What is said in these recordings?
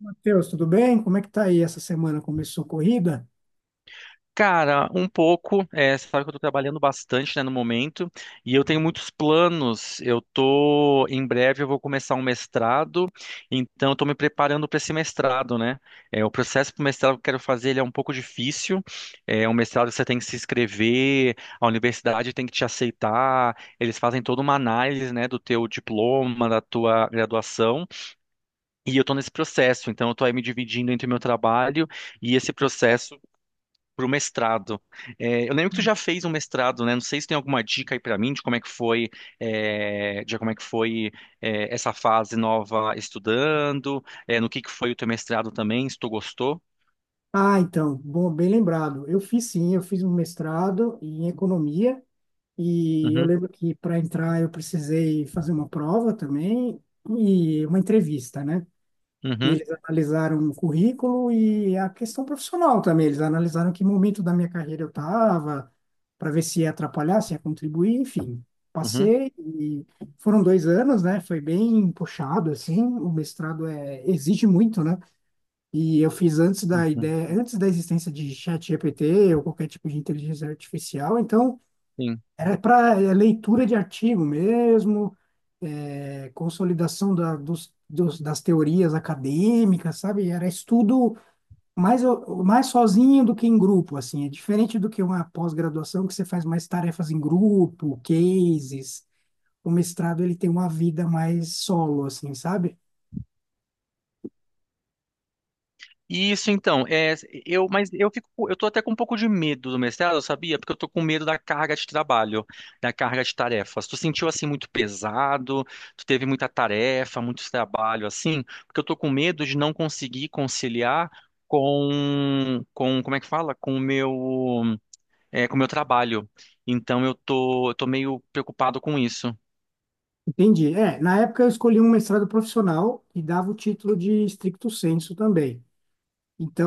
Matheus, tudo bem? Como é que tá aí essa semana? Começou corrida? Cara, um pouco, você sabe que eu tô trabalhando bastante, né, no momento, e eu tenho muitos planos. Em breve eu vou começar um mestrado, então eu tô me preparando para esse mestrado, né? O processo para o mestrado que eu quero fazer, ele é um pouco difícil. É um mestrado que você tem que se inscrever, a universidade tem que te aceitar, eles fazem toda uma análise, né, do teu diploma, da tua graduação, e eu tô nesse processo, então eu tô aí me dividindo entre o meu trabalho e esse processo pro mestrado. Eu lembro que tu já fez um mestrado, né? Não sei se tem alguma dica aí pra mim de como é que foi, essa fase nova estudando, no que foi o teu mestrado também, se tu gostou. Ah, então, bom, bem lembrado. Eu fiz sim, eu fiz um mestrado em economia e eu Uhum, lembro que para entrar eu precisei fazer uma prova também e uma entrevista, né? E uhum, eles analisaram o currículo e a questão profissional também. Eles analisaram que momento da minha carreira eu estava, para ver se ia atrapalhar, se ia contribuir, enfim. uhum, Passei e foram 2 anos, né? Foi bem puxado, assim. O mestrado é, exige muito, né? E eu fiz antes da uhum, ideia, antes da existência de ChatGPT ou qualquer tipo de inteligência artificial. Então, sim. era para leitura de artigo mesmo é, consolidação das teorias acadêmicas, sabe? Era estudo mais, mais sozinho do que em grupo, assim. É diferente do que uma pós-graduação que você faz mais tarefas em grupo, cases. O mestrado, ele tem uma vida mais solo, assim, sabe? Isso então, mas eu eu tô até com um pouco de medo do mestrado, sabia? Porque eu tô com medo da carga de trabalho, da carga de tarefas. Tu sentiu assim muito pesado, tu teve muita tarefa, muito trabalho assim, porque eu tô com medo de não conseguir conciliar como é que fala? Com o meu trabalho. Então eu tô meio preocupado com isso. Entendi. É, na época eu escolhi um mestrado profissional e dava o título de stricto sensu também.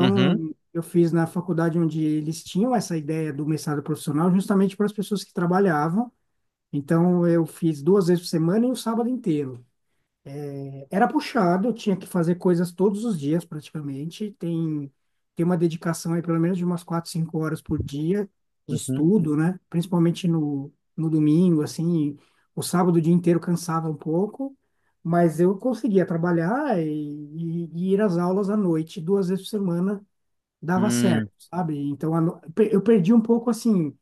Uhum, eu fiz na faculdade onde eles tinham essa ideia do mestrado profissional justamente para as pessoas que trabalhavam. Então eu fiz duas vezes por semana e um sábado inteiro. Era puxado, eu tinha que fazer coisas todos os dias praticamente. Tem uma dedicação aí pelo menos de umas quatro, cinco horas por dia de uhum. estudo, né? Principalmente no domingo, assim. O sábado o dia inteiro cansava um pouco, mas eu conseguia trabalhar e ir às aulas à noite, duas vezes por semana, dava Hum. certo, sabe? Então a no- pe- eu perdi um pouco assim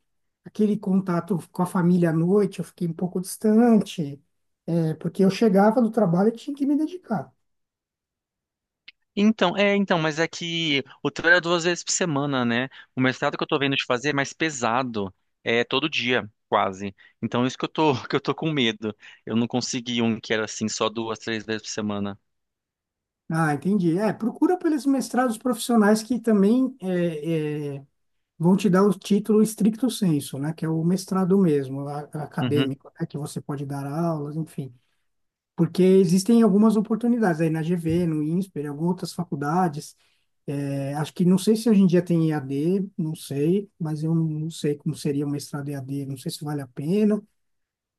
aquele contato com a família à noite, eu fiquei um pouco distante, é, porque eu chegava do trabalho e tinha que me dedicar. Então, mas é que o trabalho é duas vezes por semana, né? O mestrado que eu tô vendo de fazer é mais pesado, é todo dia, quase. Então, isso que eu tô, que eu tô com medo. Eu não consegui um que era assim, só duas, três vezes por semana. Ah, entendi. É, procura pelos mestrados profissionais que também vão te dar o título stricto sensu, né? Que é o mestrado mesmo, a- Uhum, acadêmico, né? Que você pode dar aulas, enfim. Porque existem algumas oportunidades aí na GV, no INSPER, em algumas outras faculdades. É, acho que não sei se hoje em dia tem EAD, não sei, mas eu não sei como seria o mestrado EAD, não sei se vale a pena,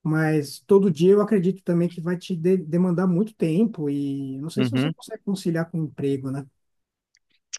mas todo dia eu acredito também que vai te de- demandar muito tempo e não sei se você uhum. consegue conciliar com o emprego, né?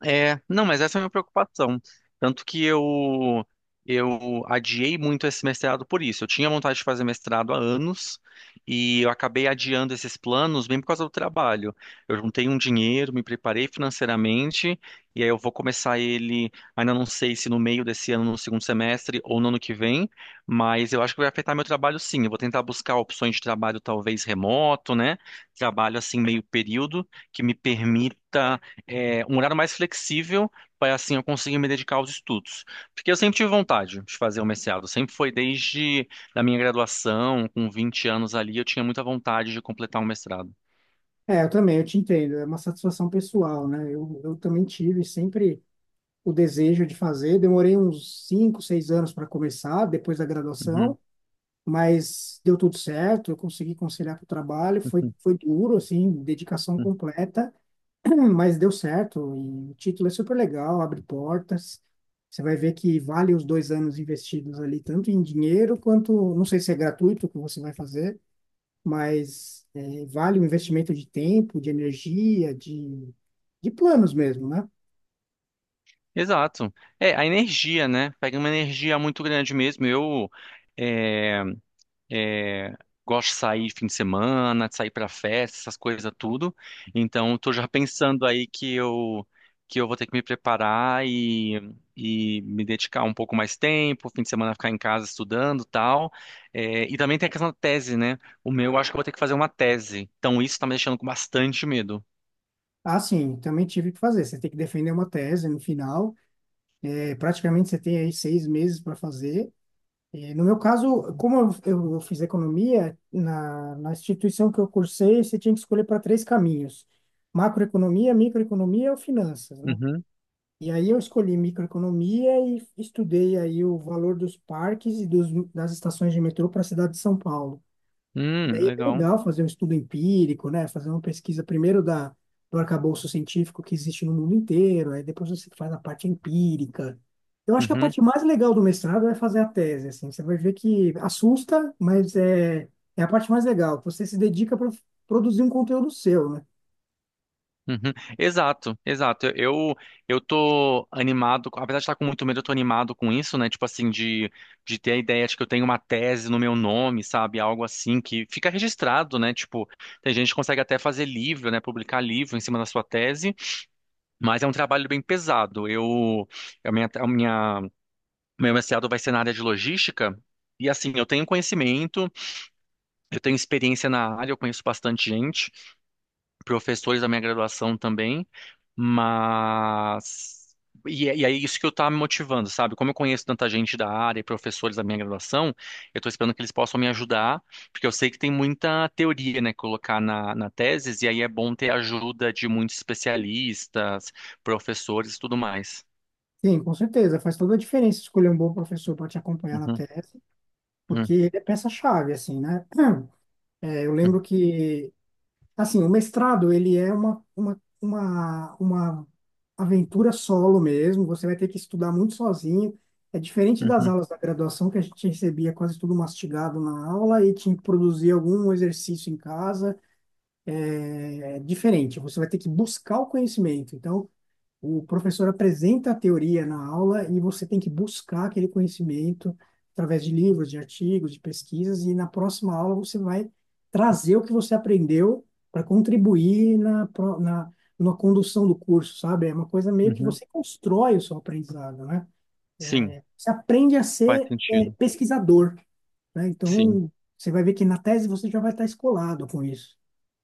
Não, mas essa é a minha preocupação. Tanto que eu adiei muito esse mestrado por isso. Eu tinha vontade de fazer mestrado há anos e eu acabei adiando esses planos bem por causa do trabalho. Eu juntei um dinheiro, me preparei financeiramente e aí eu vou começar ele, ainda não sei se no meio desse ano, no segundo semestre ou no ano que vem, mas eu acho que vai afetar meu trabalho sim. Eu vou tentar buscar opções de trabalho talvez remoto, né? Trabalho assim meio período que me permita um horário mais flexível para assim eu conseguir me dedicar aos estudos. Porque eu sempre tive vontade de fazer o mestrado, sempre foi desde a minha graduação, com 20 anos ali, eu tinha muita vontade de completar um mestrado. É, eu também, eu te entendo, é uma satisfação pessoal, né? Eu também tive sempre o desejo de fazer, demorei uns 5, 6 anos para começar, depois da graduação, Uhum, mas deu tudo certo, eu consegui conciliar com o trabalho, foi, uhum, foi duro, assim, dedicação uhum. completa, mas deu certo, e o título é super legal, abre portas, você vai ver que vale os 2 anos investidos ali, tanto em dinheiro quanto, não sei se é gratuito o que você vai fazer, mas é, vale o investimento de tempo, de energia, de planos mesmo, né? Exato. É, a energia, né? Pega uma energia muito grande mesmo. Eu é, É, gosto de sair fim de semana, de sair pra festa, essas coisas tudo. Então, tô já pensando aí que eu vou ter que me preparar e me dedicar um pouco mais tempo, fim de semana ficar em casa estudando, tal. E também tem a questão da tese, né? Eu acho que eu vou ter que fazer uma tese. Então, isso tá me deixando com bastante medo. Ah, sim, também tive que fazer. Você tem que defender uma tese no final. É, praticamente você tem aí 6 meses para fazer. E no meu caso, como eu fiz economia, na instituição que eu cursei, você tinha que escolher para três caminhos: macroeconomia, microeconomia ou finanças, né? Uhum. E aí eu escolhi microeconomia e estudei aí o valor dos parques e das estações de metrô para a cidade de São Paulo. E aí é bem Legal. legal fazer um estudo empírico, né? Fazer uma pesquisa primeiro do arcabouço científico que existe no mundo inteiro, aí depois você faz a parte empírica. Eu acho que a Uhum. parte mais legal do mestrado é fazer a tese, assim. Você vai ver que assusta, mas é, é a parte mais legal. Você se dedica para produzir um conteúdo seu, né? Uhum. Exato, exato. Eu tô animado, apesar de estar com muito medo, eu tô animado com isso, né? Tipo assim, de ter a ideia de que eu tenho uma tese no meu nome, sabe? Algo assim que fica registrado, né? Tipo, tem gente que consegue até fazer livro, né? Publicar livro em cima da sua tese, mas é um trabalho bem pesado. Eu a minha meu mestrado vai ser na área de logística. E assim, eu tenho conhecimento, eu tenho experiência na área, eu conheço bastante gente, professores da minha graduação também, mas. E é isso que eu tá me motivando, sabe? Como eu conheço tanta gente da área e professores da minha graduação, eu tô esperando que eles possam me ajudar, porque eu sei que tem muita teoria, né, colocar na tese, e aí é bom ter ajuda de muitos especialistas, professores e tudo mais. Sim, com certeza. Faz toda a diferença escolher um bom professor para te acompanhar na Uhum, tese, porque uhum, ele é peça-chave, assim, né? É, eu uhum, lembro que assim, o mestrado, ele é uma aventura solo mesmo, você vai ter que estudar muito sozinho. É diferente das uhum, aulas da graduação, que a gente recebia quase tudo mastigado na aula e tinha que produzir algum exercício em casa. É diferente, você vai ter que buscar o conhecimento. Então, o professor apresenta a teoria na aula e você tem que buscar aquele conhecimento através de livros, de artigos, de pesquisas, e na próxima aula você vai trazer o que você aprendeu para contribuir na condução do curso, sabe? É uma coisa meio que uhum. você constrói o seu aprendizado, né? Sim, Você aprende a faz ser, sentido. pesquisador, né? Sim. Então, você vai ver que na tese você já vai estar escolado com isso.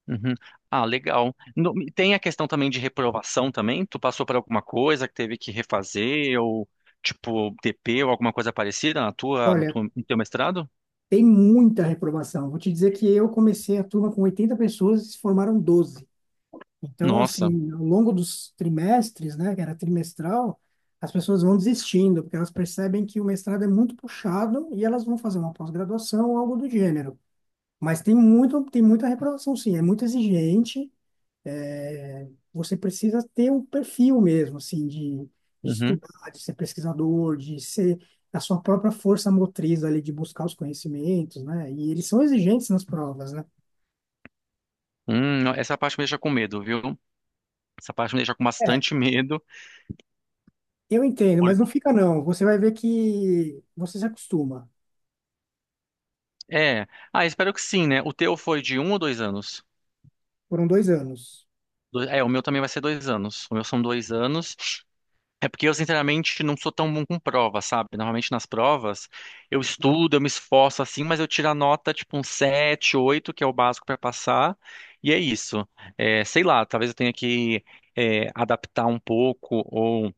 Uhum. Ah, legal. Tem a questão também de reprovação também? Tu passou por alguma coisa que teve que refazer ou tipo TP ou alguma coisa parecida na tua, na Olha, tua, no teu mestrado? tem muita reprovação. Vou te dizer que eu comecei a turma com 80 pessoas e se formaram 12. Então, Nossa. assim, ao longo dos trimestres, né, que era trimestral, as pessoas vão desistindo, porque elas percebem que o mestrado é muito puxado e elas vão fazer uma pós-graduação ou algo do gênero. Mas tem muita reprovação, sim, é muito exigente é, você precisa ter um perfil mesmo, assim, de Uhum. estudar, de ser pesquisador, de ser a sua própria força motriz ali, de buscar os conhecimentos, né? E eles são exigentes nas provas, né? Não, essa parte me deixa com medo, viu? Essa parte me deixa com É, bastante medo. eu entendo, por- mas não fica não. Você vai ver que você se acostuma. É. Ah, espero que sim, né? O teu foi de 1 ou 2 anos? Foram dois anos. É, o meu também vai ser 2 anos. O meu são 2 anos. É porque eu, sinceramente, não sou tão bom com prova, sabe? Normalmente nas provas eu estudo, eu me esforço assim, mas eu tiro a nota tipo um 7, 8 que é o básico para passar, e é isso. Sei lá, talvez eu tenha que adaptar um pouco ou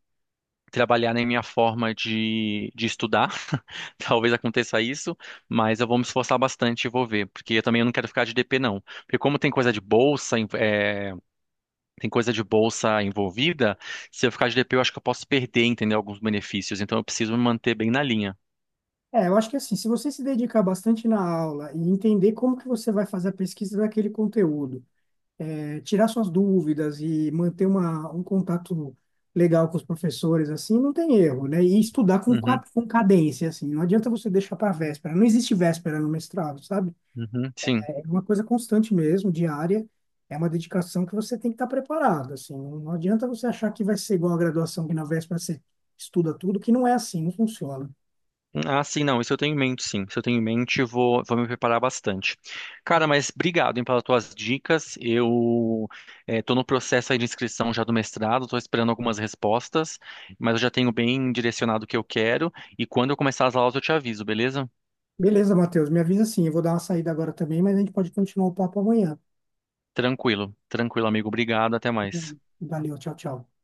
trabalhar na minha forma de estudar, talvez aconteça isso, mas eu vou me esforçar bastante e vou ver, porque eu também não quero ficar de DP, não. Porque como tem coisa de bolsa, tem coisa de bolsa envolvida, se eu ficar de DP, eu acho que eu posso perder, entendeu? Alguns benefícios. Então eu preciso me manter bem na linha. É, eu acho que assim, se você se dedicar bastante na aula e entender como que você vai fazer a pesquisa daquele conteúdo, é, tirar suas dúvidas e manter um contato legal com os professores, assim, não tem erro, né? E estudar Uhum, com cadência, assim, não adianta você deixar para véspera, não existe véspera no mestrado, sabe? uhum, sim. É uma coisa constante mesmo, diária, é uma dedicação que você tem que estar preparado, assim, não adianta você achar que vai ser igual a graduação, que na véspera você estuda tudo, que não é assim, não funciona. Ah, sim, não. Isso eu tenho em mente, sim. Isso eu tenho em mente, vou me preparar bastante. Cara, mas obrigado, hein, pelas tuas dicas. Eu estou no processo aí de inscrição já do mestrado, estou esperando algumas respostas, mas eu já tenho bem direcionado o que eu quero. E quando eu começar as aulas, eu te aviso, beleza? Beleza, Matheus, me avisa sim, eu vou dar uma saída agora também, mas a gente pode continuar o papo amanhã. Tranquilo, tranquilo, amigo. Obrigado, até mais. Valeu, tchau, tchau.